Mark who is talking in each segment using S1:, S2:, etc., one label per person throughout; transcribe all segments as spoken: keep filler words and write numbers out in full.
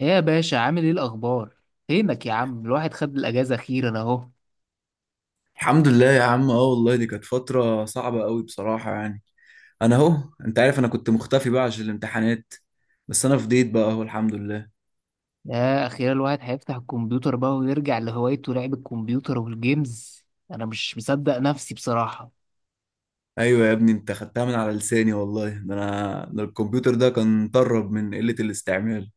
S1: ايه يا باشا، عامل ايه؟ الاخبار؟ فينك يا عم؟ الواحد خد الاجازه اخيرا اهو.
S2: الحمد لله يا عم، اه والله دي كانت فترة صعبة قوي بصراحة يعني. انا اهو، انت عارف انا كنت مختفي بقى عشان الامتحانات، بس انا فضيت بقى اهو الحمد لله.
S1: يا اخيرا الواحد هيفتح الكمبيوتر بقى ويرجع لهوايته، لعب الكمبيوتر والجيمز. انا مش مصدق نفسي بصراحه.
S2: ايوه يا ابني، انت خدتها من على لساني والله، ده انا ده الكمبيوتر ده كان طرب من قلة الاستعمال.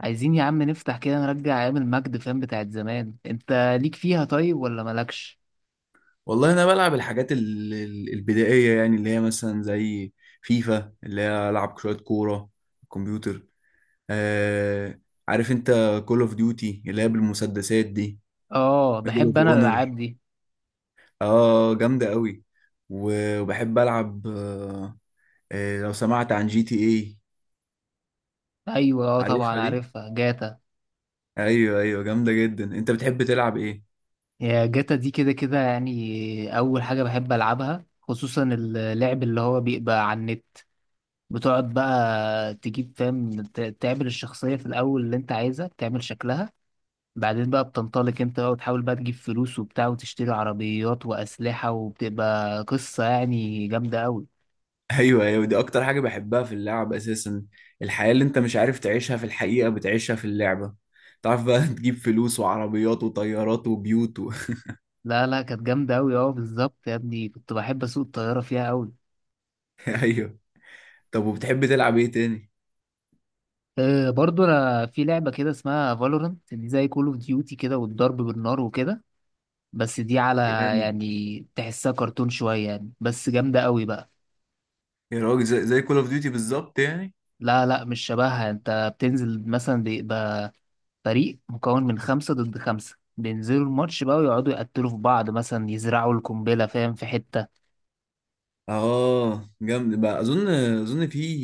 S1: عايزين يا عم نفتح كده، نرجع ايام المجد، فاهم، بتاعت زمان انت. ليك فيها طيب ولا مالكش؟
S2: والله انا بلعب الحاجات ال- ال- البدائية، يعني اللي هي مثلا زي فيفا اللي هي العب شوية كورة الكمبيوتر. آه عارف انت، كول اوف ديوتي اللي هي بالمسدسات دي،
S1: اه،
S2: ميدل
S1: بحب
S2: اوف
S1: انا الالعاب
S2: اونر،
S1: دي.
S2: اه جامدة قوي. و- وبحب العب آه، آه، لو سمعت عن جي تي اي.
S1: ايوه، اه، طبعا
S2: عارفها دي؟
S1: عارفها جاتا.
S2: ايوه ايوه جامدة جدا. انت بتحب تلعب ايه؟
S1: يا جاتا دي كده كده، يعني اول حاجه بحب العبها خصوصا اللعب اللي هو بيبقى على النت. بتقعد بقى تجيب، فاهم، ت- تعمل الشخصية في الأول اللي أنت عايزها، تعمل شكلها. بعدين بقى بتنطلق أنت بقى، وتحاول بقى تجيب فلوس وبتاع، وتشتري عربيات وأسلحة، وبتبقى قصة يعني جامدة أوي.
S2: ايوه ايوه، دي اكتر حاجة بحبها في اللعب اساسا. الحياة اللي انت مش عارف تعيشها في الحقيقة بتعيشها في اللعبة. تعرف بقى تجيب فلوس وعربيات وطيارات وبيوت و...
S1: لا لا، كانت جامدة أوي. أه، بالظبط يا ابني، كنت بحب أسوق الطيارة فيها أوي.
S2: ايوه. طب وبتحب تلعب ايه تاني؟
S1: أه، برضو أنا في لعبة كده اسمها فالورنت، دي زي كول أوف ديوتي كده، والضرب بالنار وكده. بس دي على.
S2: جامد.
S1: يعني تحسها كرتون شوية يعني، بس جامدة أوي بقى.
S2: يا راجل زي, زي كول اوف ديوتي بالظبط يعني.
S1: لا لا، مش شبهها. انت بتنزل مثلا فريق مكون من خمسة ضد خمسة، بينزلوا الماتش بقى ويقعدوا يقتلوا في بعض، مثلا يزرعوا القنبلة، فاهم، في حتة.
S2: اه جامد بقى، اظن اظن في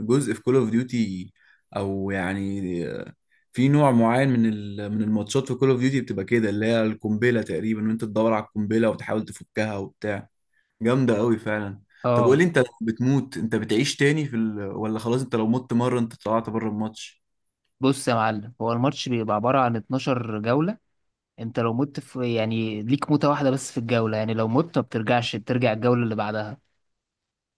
S2: جزء في كول اوف ديوتي، او يعني آه، في نوع معين من ال- من الماتشات في كول اوف ديوتي بتبقى كده، اللي هي القنبله تقريبا، وانت تدور على القنبله وتحاول تفكها وبتاع. جامده قوي فعلا. طب قول لي
S1: اه.
S2: انت، لو بتموت انت بتعيش تاني في ال... ولا خلاص انت لو مت مره انت طلعت بره الماتش؟
S1: بص يا معلم، هو الماتش بيبقى عبارة عن اتناشر جولة. انت لو مت في، يعني ليك موتة واحدة بس في الجولة، يعني لو مت ما بترجعش، بترجع الجولة اللي بعدها.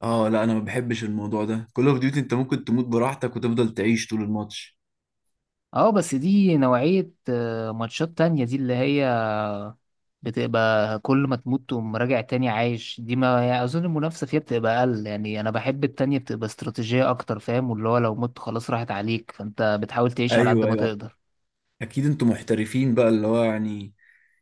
S2: اه لا، انا ما بحبش الموضوع ده. كول اوف ديوتي انت ممكن تموت براحتك وتفضل تعيش طول الماتش.
S1: اه، بس دي نوعية آه، ماتشات تانية، دي اللي هي بتبقى كل ما تموت تقوم راجع تاني عايش. دي ما يعني اظن المنافسه فيها بتبقى اقل. يعني انا بحب التانية، بتبقى استراتيجيه اكتر، فاهم، واللي هو لو مت خلاص راحت عليك، فانت بتحاول تعيش على قد
S2: ايوه
S1: ما
S2: ايوه،
S1: تقدر.
S2: اكيد انتوا محترفين بقى، اللي هو يعني،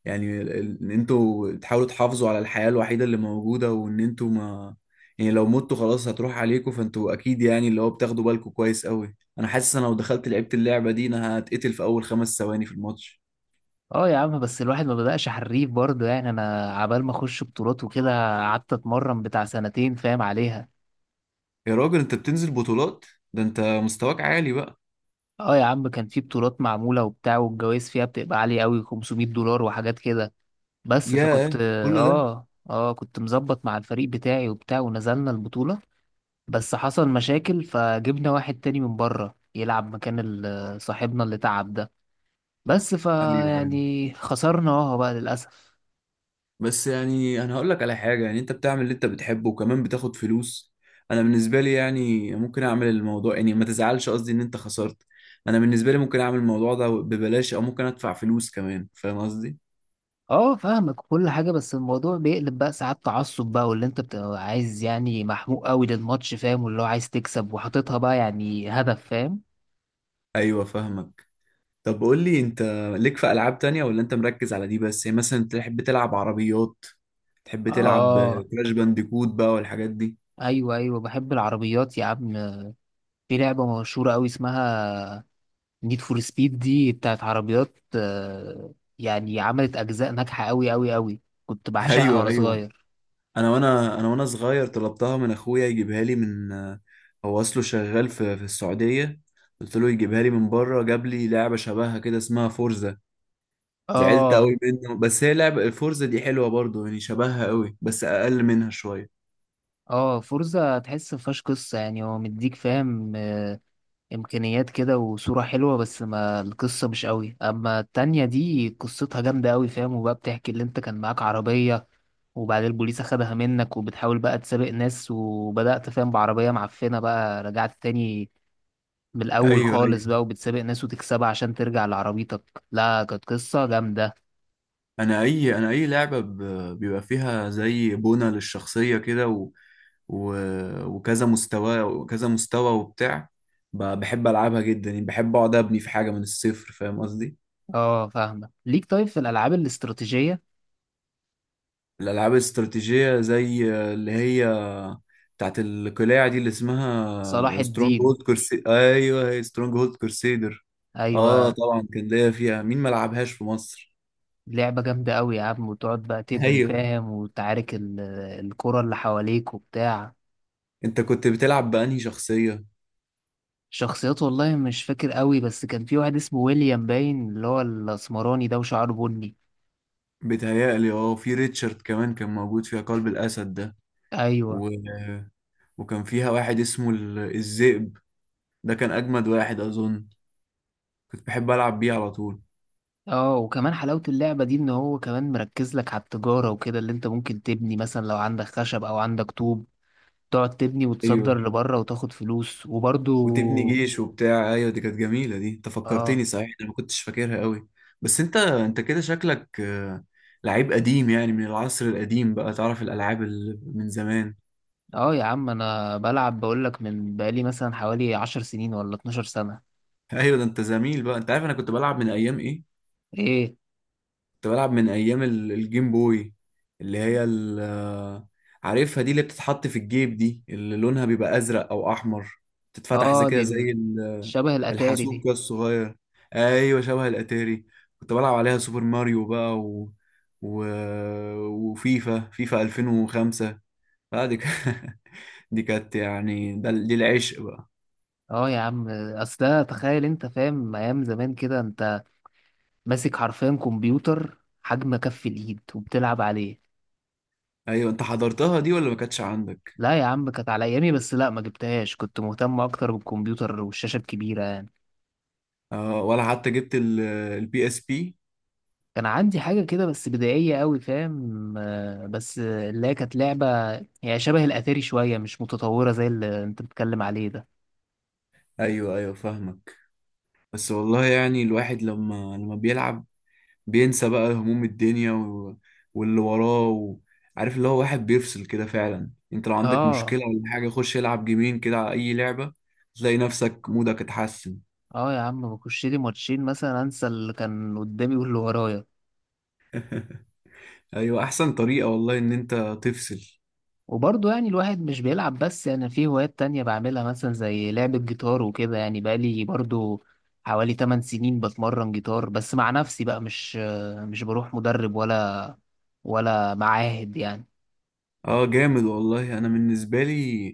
S2: يعني ال- ال- ان انتوا تحاولوا تحافظوا على الحياة الوحيدة اللي موجودة، وان انتوا ما، يعني لو متوا خلاص هتروح عليكم، فانتوا اكيد يعني اللي هو بتاخدوا بالكم كويس قوي. انا حاسس انا لو دخلت لعبت اللعبة دي انا هتقتل في اول خمس ثواني في الماتش.
S1: اه يا عم، بس الواحد ما بدأش حريف برضه يعني. انا عبال ما اخش بطولات وكده، قعدت اتمرن بتاع سنتين، فاهم، عليها.
S2: يا راجل انت بتنزل بطولات؟ ده انت مستواك عالي بقى.
S1: اه يا عم، كان في بطولات معموله وبتاع، والجوائز فيها بتبقى عاليه قوي، خمسمائة دولار وحاجات كده. بس فكنت.
S2: ياه كل ده؟
S1: اه. اه، كنت مظبط مع الفريق بتاعي وبتاع، ونزلنا البطوله. بس حصل مشاكل، فجبنا واحد تاني من بره يلعب مكان ال- صاحبنا اللي تعب ده. بس
S2: ايوه ايوه،
S1: فيعني خسرنا اهو بقى للأسف.
S2: بس يعني انا هقول لك على حاجه، يعني انت بتعمل اللي انت بتحبه وكمان بتاخد فلوس. انا بالنسبه لي يعني ممكن اعمل الموضوع، يعني ما تزعلش قصدي ان انت خسرت، انا بالنسبه لي ممكن اعمل الموضوع ده ببلاش او ممكن ادفع فلوس كمان، فاهم قصدي؟
S1: اه فاهمك كل حاجة، بس الموضوع بيقلب بقى ساعات، تعصب بقى، واللي انت بتبقى عايز يعني محموق قوي للماتش، فاهم، واللي هو عايز تكسب وحاططها بقى يعني هدف، فاهم.
S2: ايوه فاهمك. طب قول لي انت، ليك في العاب تانية ولا انت مركز على دي بس؟ يعني مثلا تحب تلعب عربيات، تحب تلعب
S1: اه.
S2: كراش بانديكوت بقى والحاجات دي؟
S1: ايوه ايوه، بحب العربيات يا عم. في لعبة مشهورة قوي اسمها نيد فور سبيد، دي بتاعت عربيات، آه، يعني عملت اجزاء ناجحه قوي قوي قوي. كنت بعشقها
S2: ايوه
S1: وانا
S2: ايوه.
S1: صغير.
S2: انا وانا انا وانا صغير طلبتها من اخويا يجيبها لي من، هو اصله شغال في في السعوديه، قلت له يجيبها لي من بره، جاب لي لعبه شبهها كده اسمها فورزا. زعلت
S1: اه.
S2: قوي منه، بس هي لعبه الفورزا دي حلوه برضه يعني، شبهها قوي بس اقل منها شويه.
S1: اه، فورزا تحس مفيهاش قصه يعني، هو مديك، فاهم، آه، امكانيات كده وصوره حلوه، بس ما القصه مش قوي. اما التانية دي قصتها جامده قوي، فاهم، وبقى بتحكي اللي انت كان معاك عربيه، وبعدين البوليس اخدها منك، وبتحاول بقى تسابق ناس. وبدأت، فاهم، بعربية معفنة بقى، رجعت تاني من الأول
S2: ايوه ايوه.
S1: خالص بقى، وبتسابق ناس وتكسبها عشان ترجع لعربيتك. لا، كانت قصة جامدة.
S2: انا اي انا اي لعبه ب- بيبقى فيها زي بنى للشخصيه كده و... و... وكذا مستوى وكذا مستوى وبتاع، ب- بحب العبها جدا، يعني بحب اقعد ابني في حاجه من الصفر، فاهم قصدي؟
S1: اه فاهمة ليك. طيب، في الألعاب الاستراتيجية؟
S2: الالعاب الاستراتيجيه زي اللي هي بتاعت القلاع دي اللي
S1: صلاح
S2: اسمها سترونج
S1: الدين.
S2: هولد كورسي ايوه هي سترونج هولد كورسيدر. اه
S1: أيوة.
S2: طبعا كان ليا فيها، مين ما لعبهاش في مصر؟
S1: لعبة جامدة أوي يا عم، وتقعد بقى تبني،
S2: ايوه.
S1: فاهم، وتعارك ال- الكرة اللي حواليك وبتاع.
S2: انت كنت بتلعب بانهي شخصيه؟
S1: شخصيات، والله مش فاكر أوي، بس كان في واحد اسمه ويليام باين، اللي هو الأسمراني ده وشعره بني.
S2: بتهيألي اه في ريتشارد كمان كان موجود فيها، قلب الاسد ده،
S1: أيوة.
S2: و... وكان فيها واحد اسمه ال- الذئب، ده كان اجمد واحد اظن، كنت بحب العب بيه على طول.
S1: اه، وكمان حلاوة اللعبة دي ان هو كمان مركز لك على التجارة وكده، اللي انت ممكن تبني مثلا لو عندك خشب او عندك طوب، تقعد تبني
S2: ايوه
S1: وتصدر لبره وتاخد فلوس
S2: وتبني
S1: وبرضو.
S2: جيش وبتاع. ايوه دي كانت جميله، دي انت
S1: اه.
S2: فكرتني صحيح، انا ما كنتش فاكرها قوي. بس انت انت كده شكلك آه، لعيب قديم يعني، من العصر القديم بقى، تعرف الالعاب اللي من زمان.
S1: اه يا عم، انا بلعب، بقولك، من بقالي مثلا حوالي عشر سنين ولا اتناشر سنة.
S2: ايوه، ده انت زميل بقى. انت عارف انا كنت بلعب من ايام ايه؟
S1: ايه.
S2: كنت بلعب من ايام ال- الجيم بوي، اللي هي ال- آه، عارفها دي، اللي بتتحط في الجيب دي، اللي لونها بيبقى ازرق او احمر، تتفتح زي
S1: اه، دي
S2: كده
S1: ال-
S2: زي
S1: شبه الاتاري
S2: الحاسوب
S1: دي.
S2: كده الصغير. ايوه شبه الاتاري. كنت بلعب عليها سوبر ماريو بقى و... و... وفيفا فيفا الفين وخمسة. لا دي ك... دي كانت يعني، ده دي العشق بقى.
S1: اه يا عم، اصل ده تخيل انت، فاهم، ايام زمان كده انت ماسك حرفيا كمبيوتر حجم كف الايد وبتلعب عليه.
S2: ايوه انت حضرتها دي ولا ما كانتش عندك؟
S1: لا يا عم، كانت على ايامي بس، لا، ما جبتهاش، كنت مهتم اكتر بالكمبيوتر والشاشة الكبيرة.
S2: آه ولا حتى جبت البي اس بي؟
S1: كان عندي حاجة كده بس بدائية قوي، فاهم، آه، بس آه، اللي هي كانت لعبة. هي شبه الأتاري شوية، مش متطورة زي اللي أنت بتتكلم عليه ده.
S2: ايوه ايوه فاهمك. بس والله يعني الواحد لما لما بيلعب بينسى بقى هموم الدنيا و... واللي وراه و... عارف اللي هو واحد بيفصل كده فعلا، انت لو عندك مشكلة
S1: اه.
S2: ولا حاجة خش العب جيمين كده على اي لعبة تلاقي نفسك مودك اتحسن.
S1: اه يا عم، بخش لي ماتشين مثلا، انسى اللي كان قدامي واللي ورايا.
S2: ايوه احسن طريقة والله ان انت تفصل.
S1: وبرضه يعني الواحد مش بيلعب بس، يعني في هوايات تانية بعملها، مثلا زي لعبة جيتار وكده. يعني بقالي برضه حوالي ثماني سنين بتمرن جيتار بس مع نفسي بقى، مش آه، مش بروح مدرب ولا ولا معاهد يعني.
S2: اه جامد والله. انا بالنسبة لي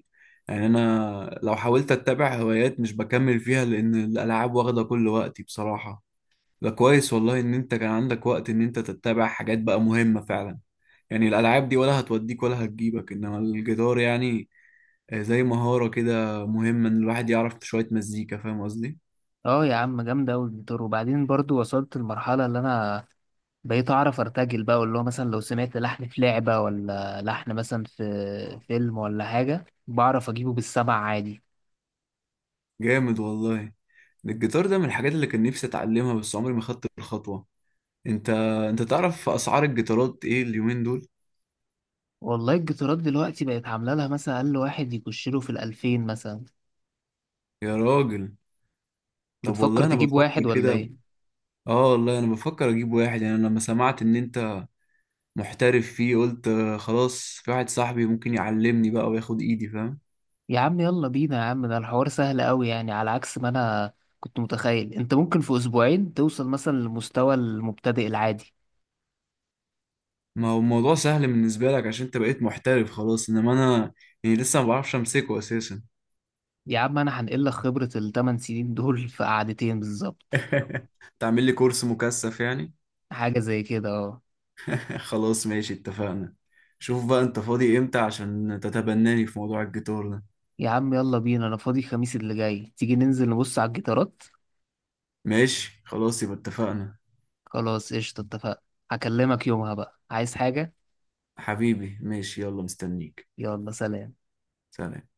S2: يعني، انا لو حاولت اتبع هوايات مش بكمل فيها لان الالعاب واخدة كل وقتي بصراحة. ده كويس والله ان انت كان عندك وقت ان انت تتبع حاجات بقى مهمة فعلا، يعني الالعاب دي ولا هتوديك ولا هتجيبك، انما الجيتار يعني آه، زي مهارة كده مهمة، ان الواحد يعرف شوية مزيكا، فاهم قصدي؟
S1: اه يا عم، جامدة أوي الجيتار. وبعدين برضو وصلت لمرحلة اللي أنا بقيت أعرف أرتجل بقى، واللي هو مثلا لو سمعت لحن في لعبة ولا لحن مثلا في فيلم ولا حاجة، بعرف أجيبه بالسمع عادي.
S2: جامد والله. الجيتار ده من الحاجات اللي كان نفسي اتعلمها بس عمري ما خدت الخطوة. انت انت تعرف اسعار الجيتارات ايه اليومين دول؟
S1: والله الجيتارات دلوقتي بقت عاملة لها، مثلا أقل واحد يخش له في الألفين مثلا.
S2: يا راجل. طب
S1: بتفكر
S2: والله انا
S1: تجيب
S2: بفكر
S1: واحد ولا
S2: كده،
S1: إيه؟
S2: اه والله انا بفكر اجيب واحد. يعني انا لما سمعت ان انت محترف فيه قلت آه، خلاص في واحد صاحبي ممكن يعلمني بقى وياخد ايدي فاهم.
S1: يا عم يلا بينا يا عم، ده الحوار سهل أوي يعني، على عكس ما أنا كنت متخيل. أنت ممكن في أسبوعين توصل مثلا لمستوى المبتدئ العادي.
S2: ما هو الموضوع سهل بالنسبة لك عشان انت بقيت محترف خلاص، انما انا يعني لسه ما بعرفش امسكه اساسا.
S1: يا عم، انا هنقل لك خبرة الثمان سنين دول في قعدتين بالظبط.
S2: تعمل لي كورس مكثف يعني؟
S1: حاجة زي كده، اه.
S2: خلاص ماشي اتفقنا. شوف بقى انت فاضي امتى عشان تتبناني في موضوع الجيتار ده.
S1: يا عم يلا بينا، انا فاضي الخميس اللي جاي، تيجي ننزل نبص على الجيتارات؟
S2: ماشي خلاص يبقى اتفقنا.
S1: خلاص، قشطة، اتفقنا. هكلمك يومها بقى، عايز حاجة.
S2: حبيبي ماشي، يلا مستنيك.
S1: يلا، سلام.
S2: سلام.